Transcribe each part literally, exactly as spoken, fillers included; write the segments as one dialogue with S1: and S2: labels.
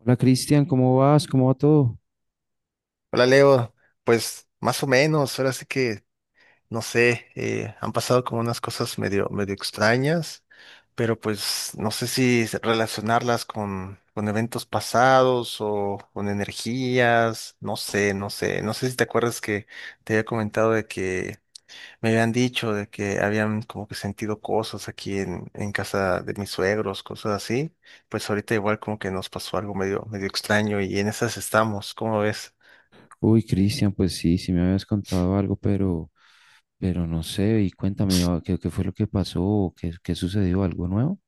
S1: Hola Cristian, ¿cómo vas? ¿Cómo va todo?
S2: Hola Leo, pues más o menos, ahora sí que no sé, eh, han pasado como unas cosas medio, medio extrañas, pero pues no sé si se- relacionarlas con, con eventos pasados o con energías, no sé, no sé, no sé si te acuerdas que te había comentado de que me habían dicho de que habían como que sentido cosas aquí en, en casa de mis suegros, cosas así, pues ahorita igual como que nos pasó algo medio, medio extraño y en esas estamos, ¿cómo ves?
S1: Uy, Cristian, pues sí, sí me habías contado algo, pero, pero no sé, y cuéntame, ah, ¿qué, qué fue lo que pasó? ¿Qué, qué sucedió? ¿Algo nuevo?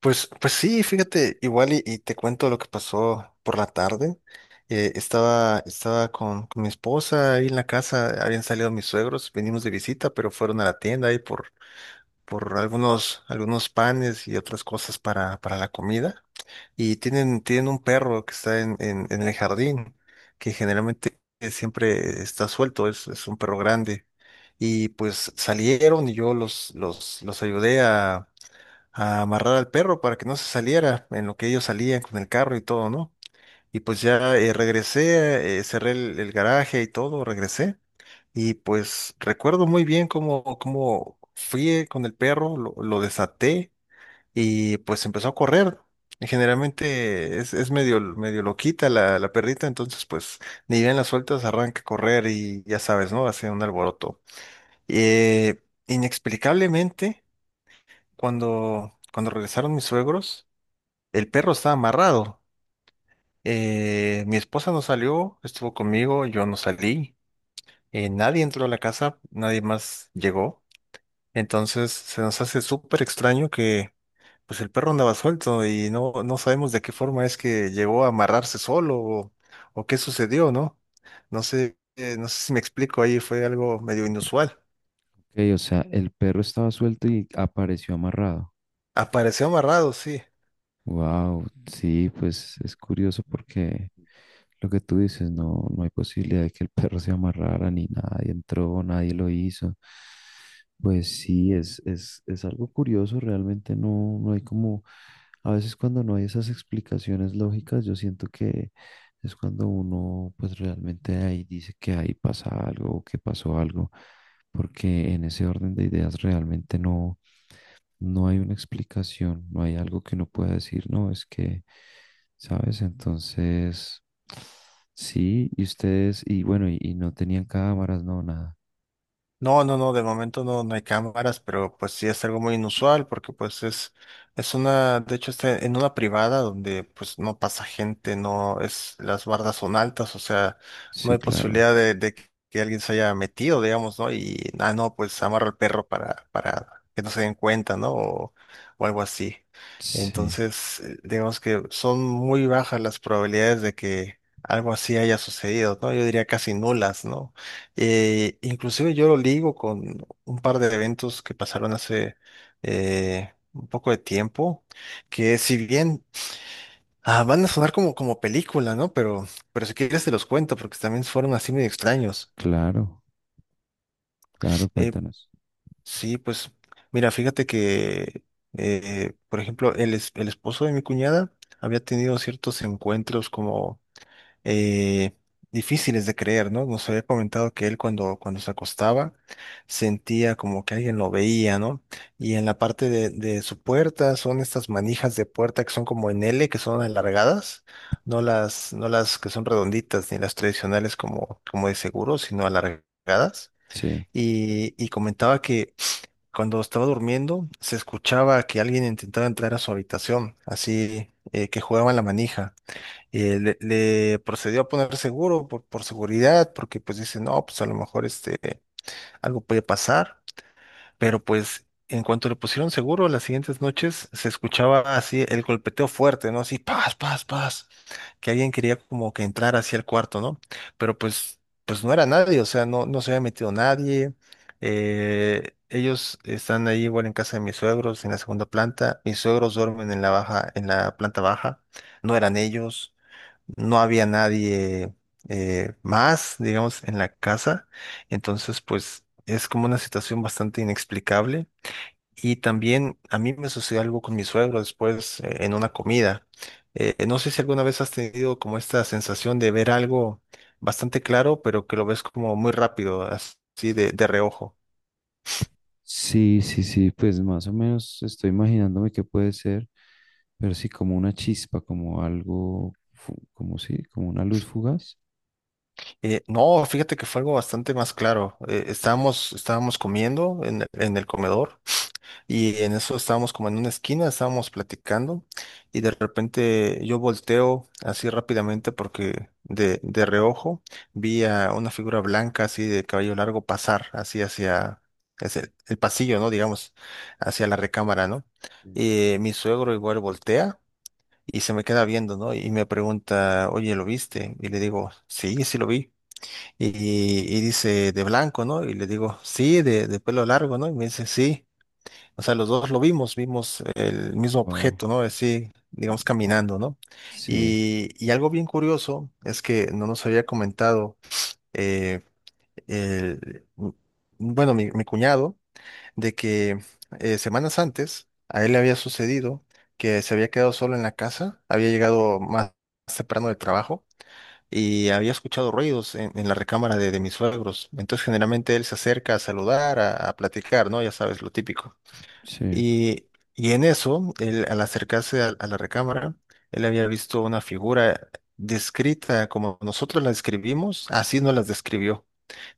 S2: Pues, pues sí, fíjate, igual y, y te cuento lo que pasó por la tarde. Eh, estaba estaba con, con mi esposa ahí en la casa, habían salido mis suegros, venimos de visita, pero fueron a la tienda ahí por, por algunos, algunos panes y otras cosas para, para la comida. Y tienen, tienen un perro que está en, en, en el jardín, que generalmente siempre está suelto, es, es un perro grande. Y pues salieron y yo los, los, los ayudé a amarrar al perro para que no se saliera en lo que ellos salían con el carro y todo, ¿no? Y pues ya eh, regresé, eh, cerré el, el garaje y todo, regresé. Y pues recuerdo muy bien cómo, cómo fui eh, con el perro, lo, lo desaté y pues empezó a correr. Y generalmente es, es medio, medio loquita la, la perrita, entonces pues ni bien la sueltas, arranca a correr y ya sabes, ¿no? Hace un alboroto. Eh, inexplicablemente, cuando, cuando regresaron mis suegros, el perro estaba amarrado. Eh, mi esposa no salió, estuvo conmigo, yo no salí. Eh, nadie entró a la casa, nadie más llegó. Entonces se nos hace súper extraño que pues el perro andaba suelto y no, no sabemos de qué forma es que llegó a amarrarse solo o, o qué sucedió, ¿no? No sé, eh, no sé si me explico ahí, fue algo medio inusual.
S1: Ok, o sea, el perro estaba suelto y apareció amarrado.
S2: Apareció amarrado, sí.
S1: Wow, sí, pues es curioso porque lo que tú dices, no, no hay posibilidad de que el perro se amarrara ni nadie entró, nadie lo hizo. Pues sí, es, es, es algo curioso, realmente no, no hay como, a veces cuando no hay esas explicaciones lógicas, yo siento que es cuando uno pues realmente ahí dice que ahí pasa algo o que pasó algo, porque en ese orden de ideas realmente no no hay una explicación, no hay algo que uno pueda decir, no, es que, ¿sabes? Entonces, sí, y ustedes, y bueno, y, y no tenían cámaras, no, nada.
S2: No, no, no, de momento no, no hay cámaras, pero pues sí es algo muy inusual porque pues es, es una, de hecho está en una privada donde pues no pasa gente, no es, las bardas son altas, o sea, no
S1: Sí,
S2: hay
S1: claro,
S2: posibilidad de, de que que alguien se haya metido, digamos, ¿no? Y, ah, no, pues amarra al perro para, para que no se den cuenta, ¿no? O, o algo así.
S1: sí,
S2: Entonces, eh, digamos que son muy bajas las probabilidades de que algo así haya sucedido, ¿no? Yo diría casi nulas, ¿no? Eh, inclusive yo lo ligo con un par de eventos que pasaron hace eh, un poco de tiempo, que si bien ah, van a sonar como, como película, ¿no? Pero, pero si quieres te los cuento, porque también fueron así medio extraños.
S1: claro, claro,
S2: Eh,
S1: cuéntanos.
S2: sí, pues mira, fíjate que, eh, por ejemplo, el, es- el esposo de mi cuñada había tenido ciertos encuentros como eh, difíciles de creer, ¿no? Nos había comentado que él cuando, cuando se acostaba sentía como que alguien lo veía, ¿no? Y en la parte de, de su puerta son estas manijas de puerta que son como en L, que son alargadas, no las, no las que son redonditas ni las tradicionales como, como de seguro, sino alargadas.
S1: Sí,
S2: Y, y comentaba que cuando estaba durmiendo se escuchaba que alguien intentaba entrar a su habitación, así eh, que jugaban la manija. eh, le, le procedió a poner seguro por, por seguridad, porque pues dice, no, pues a lo mejor este, algo puede pasar, pero pues en cuanto le pusieron seguro, las siguientes noches se escuchaba así el golpeteo fuerte, ¿no? Así, paz, paz, paz, que alguien quería como que entrar hacia el cuarto, ¿no? Pero pues, pues no era nadie, o sea, no, no se había metido nadie. eh, ellos están ahí igual en casa de mis suegros, en la segunda planta. Mis suegros duermen en la baja, en la planta baja. No eran ellos, no había nadie eh, más, digamos, en la casa. Entonces, pues es como una situación bastante inexplicable. Y también a mí me sucedió algo con mi suegro después, eh, en una comida. Eh, no sé si alguna vez has tenido como esta sensación de ver algo bastante claro, pero que lo ves como muy rápido, así de, de reojo.
S1: sí, sí, sí, pues más o menos estoy imaginándome qué puede ser, pero sí, como una chispa, como algo, fu- como sí, como una luz fugaz.
S2: Eh, no, fíjate que fue algo bastante más claro. Eh, estábamos, estábamos comiendo en, en el comedor. Y en eso estábamos como en una esquina, estábamos platicando y de repente yo volteo así rápidamente porque de, de reojo vi a una figura blanca así de cabello largo pasar así hacia, hacia el el pasillo, ¿no? Digamos, hacia la recámara, ¿no? Y mi suegro igual voltea y se me queda viendo, ¿no? Y me pregunta, oye, ¿lo viste? Y le digo, sí, sí lo vi. Y, y dice, de blanco, ¿no? Y le digo, sí, de, de pelo largo, ¿no? Y me dice, sí. O sea, los dos lo vimos, vimos el mismo
S1: Wow,
S2: objeto, ¿no? Así, digamos, caminando, ¿no?
S1: sí,
S2: Y, y algo bien curioso es que no nos había comentado, eh, el- bueno, mi, mi cuñado, de que eh, semanas antes a él le había sucedido que se había quedado solo en la casa, había llegado más temprano del trabajo y había escuchado ruidos en, en la recámara de, de mis suegros. Entonces, generalmente él se acerca a saludar, a, a platicar, ¿no? Ya sabes, lo típico.
S1: sí.
S2: Y, y en eso, él, al acercarse a, a la recámara, él había visto una figura descrita como nosotros la describimos, así no las describió,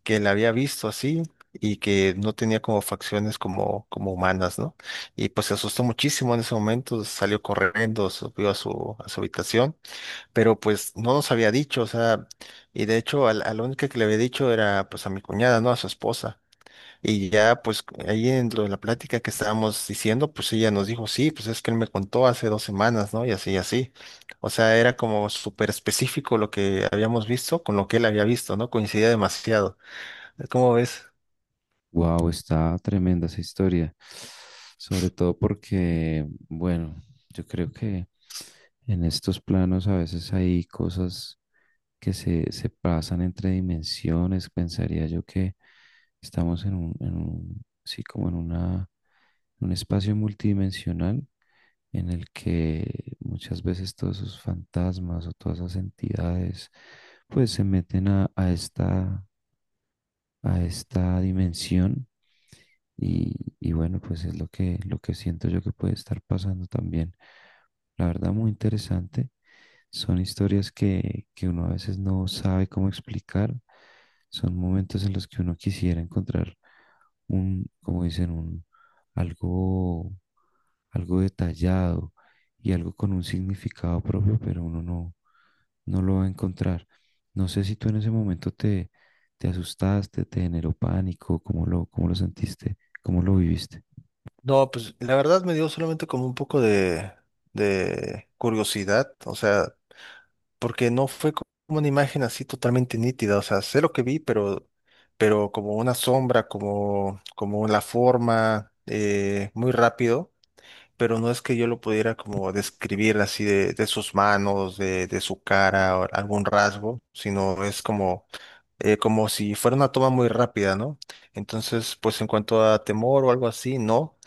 S2: que la había visto así y que no tenía como facciones como, como humanas, ¿no? Y pues se asustó muchísimo en ese momento, salió corriendo, subió a su, a su habitación, pero pues no nos había dicho, o sea, y de hecho a, la a la única que le había dicho era pues a mi cuñada, ¿no? A su esposa. Y ya, pues ahí en lo de la plática que estábamos diciendo, pues ella nos dijo, sí, pues es que él me contó hace dos semanas, ¿no? Y así, y así. O sea, era como súper específico lo que habíamos visto con lo que él había visto, ¿no? Coincidía demasiado. ¿Cómo ves?
S1: Wow, está tremenda esa historia. Sobre todo porque, bueno, yo creo que en estos planos a veces hay cosas que se, se pasan entre dimensiones. Pensaría yo que estamos en un, en un- sí, como en una, un espacio multidimensional en el que muchas veces todos esos fantasmas o todas esas entidades, pues se meten a, a esta a esta dimensión y, y bueno, pues es lo que, lo que siento yo que puede estar pasando también. La verdad, muy interesante. Son historias que, que uno a veces no sabe cómo explicar. Son momentos en los que uno quisiera encontrar un, como dicen, un algo, algo detallado y algo con un significado propio, pero uno no, no lo va a encontrar. No sé si tú en ese momento te, ¿te asustaste? ¿Te generó pánico? ¿Cómo lo, cómo lo sentiste? ¿Cómo lo viviste?
S2: No, pues la verdad me dio solamente como un poco de, de curiosidad, o sea, porque no fue co- como una imagen así totalmente nítida, o sea, sé lo que vi, pero, pero, como una sombra, como, como la forma, eh, muy rápido. Pero no es que yo lo pudiera como describir así de, de sus manos, de, de su cara o algún rasgo, sino es como, eh, como si fuera una toma muy rápida, ¿no? Entonces, pues en cuanto a temor o algo así, no.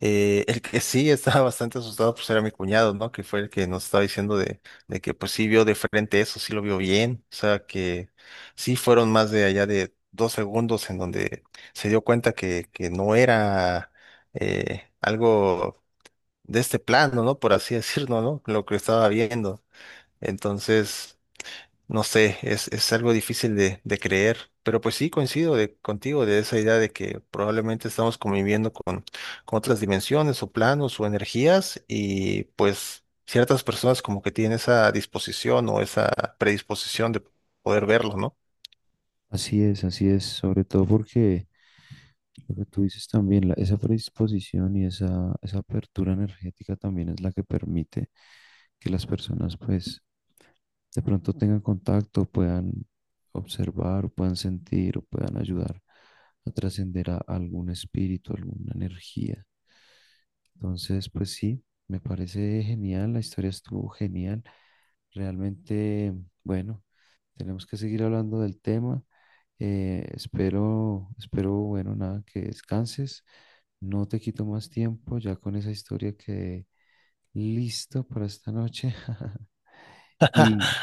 S2: Eh, el que sí estaba bastante asustado pues era mi cuñado, ¿no? Que fue el que nos estaba diciendo de, de que pues sí vio de frente eso, sí lo vio bien, o sea que sí fueron más de allá de dos segundos en donde se dio cuenta que, que no era, eh, algo de este plano, ¿no? Por así decirlo, ¿no? Lo que estaba viendo. Entonces, no sé, es, es algo difícil de, de creer, pero pues sí coincido de, contigo de esa idea de que probablemente estamos conviviendo con, con otras dimensiones o planos o energías y pues ciertas personas como que tienen esa disposición o esa predisposición de poder verlo, ¿no?
S1: Así es, así es, sobre todo porque lo que tú dices también, la- esa predisposición y esa, esa apertura energética también es la que permite que las personas pues de pronto tengan contacto, puedan observar, o puedan sentir o puedan ayudar a trascender a algún espíritu, alguna energía. Entonces, pues sí, me parece genial, la historia estuvo genial. Realmente, bueno, tenemos que seguir hablando del tema. Eh, espero, espero, bueno, nada, que descanses. No te quito más tiempo ya con esa historia que listo para esta noche. Y,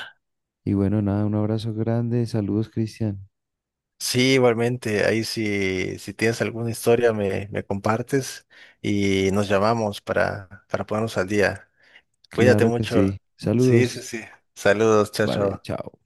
S1: y bueno, nada, un abrazo grande. Saludos, Cristian.
S2: Sí, igualmente, ahí si, si tienes alguna historia me, me compartes y nos llamamos para, para ponernos al día. Cuídate
S1: Claro que
S2: mucho.
S1: sí.
S2: Sí, sí,
S1: Saludos.
S2: sí. Saludos, chao,
S1: Vale,
S2: chao.
S1: chao.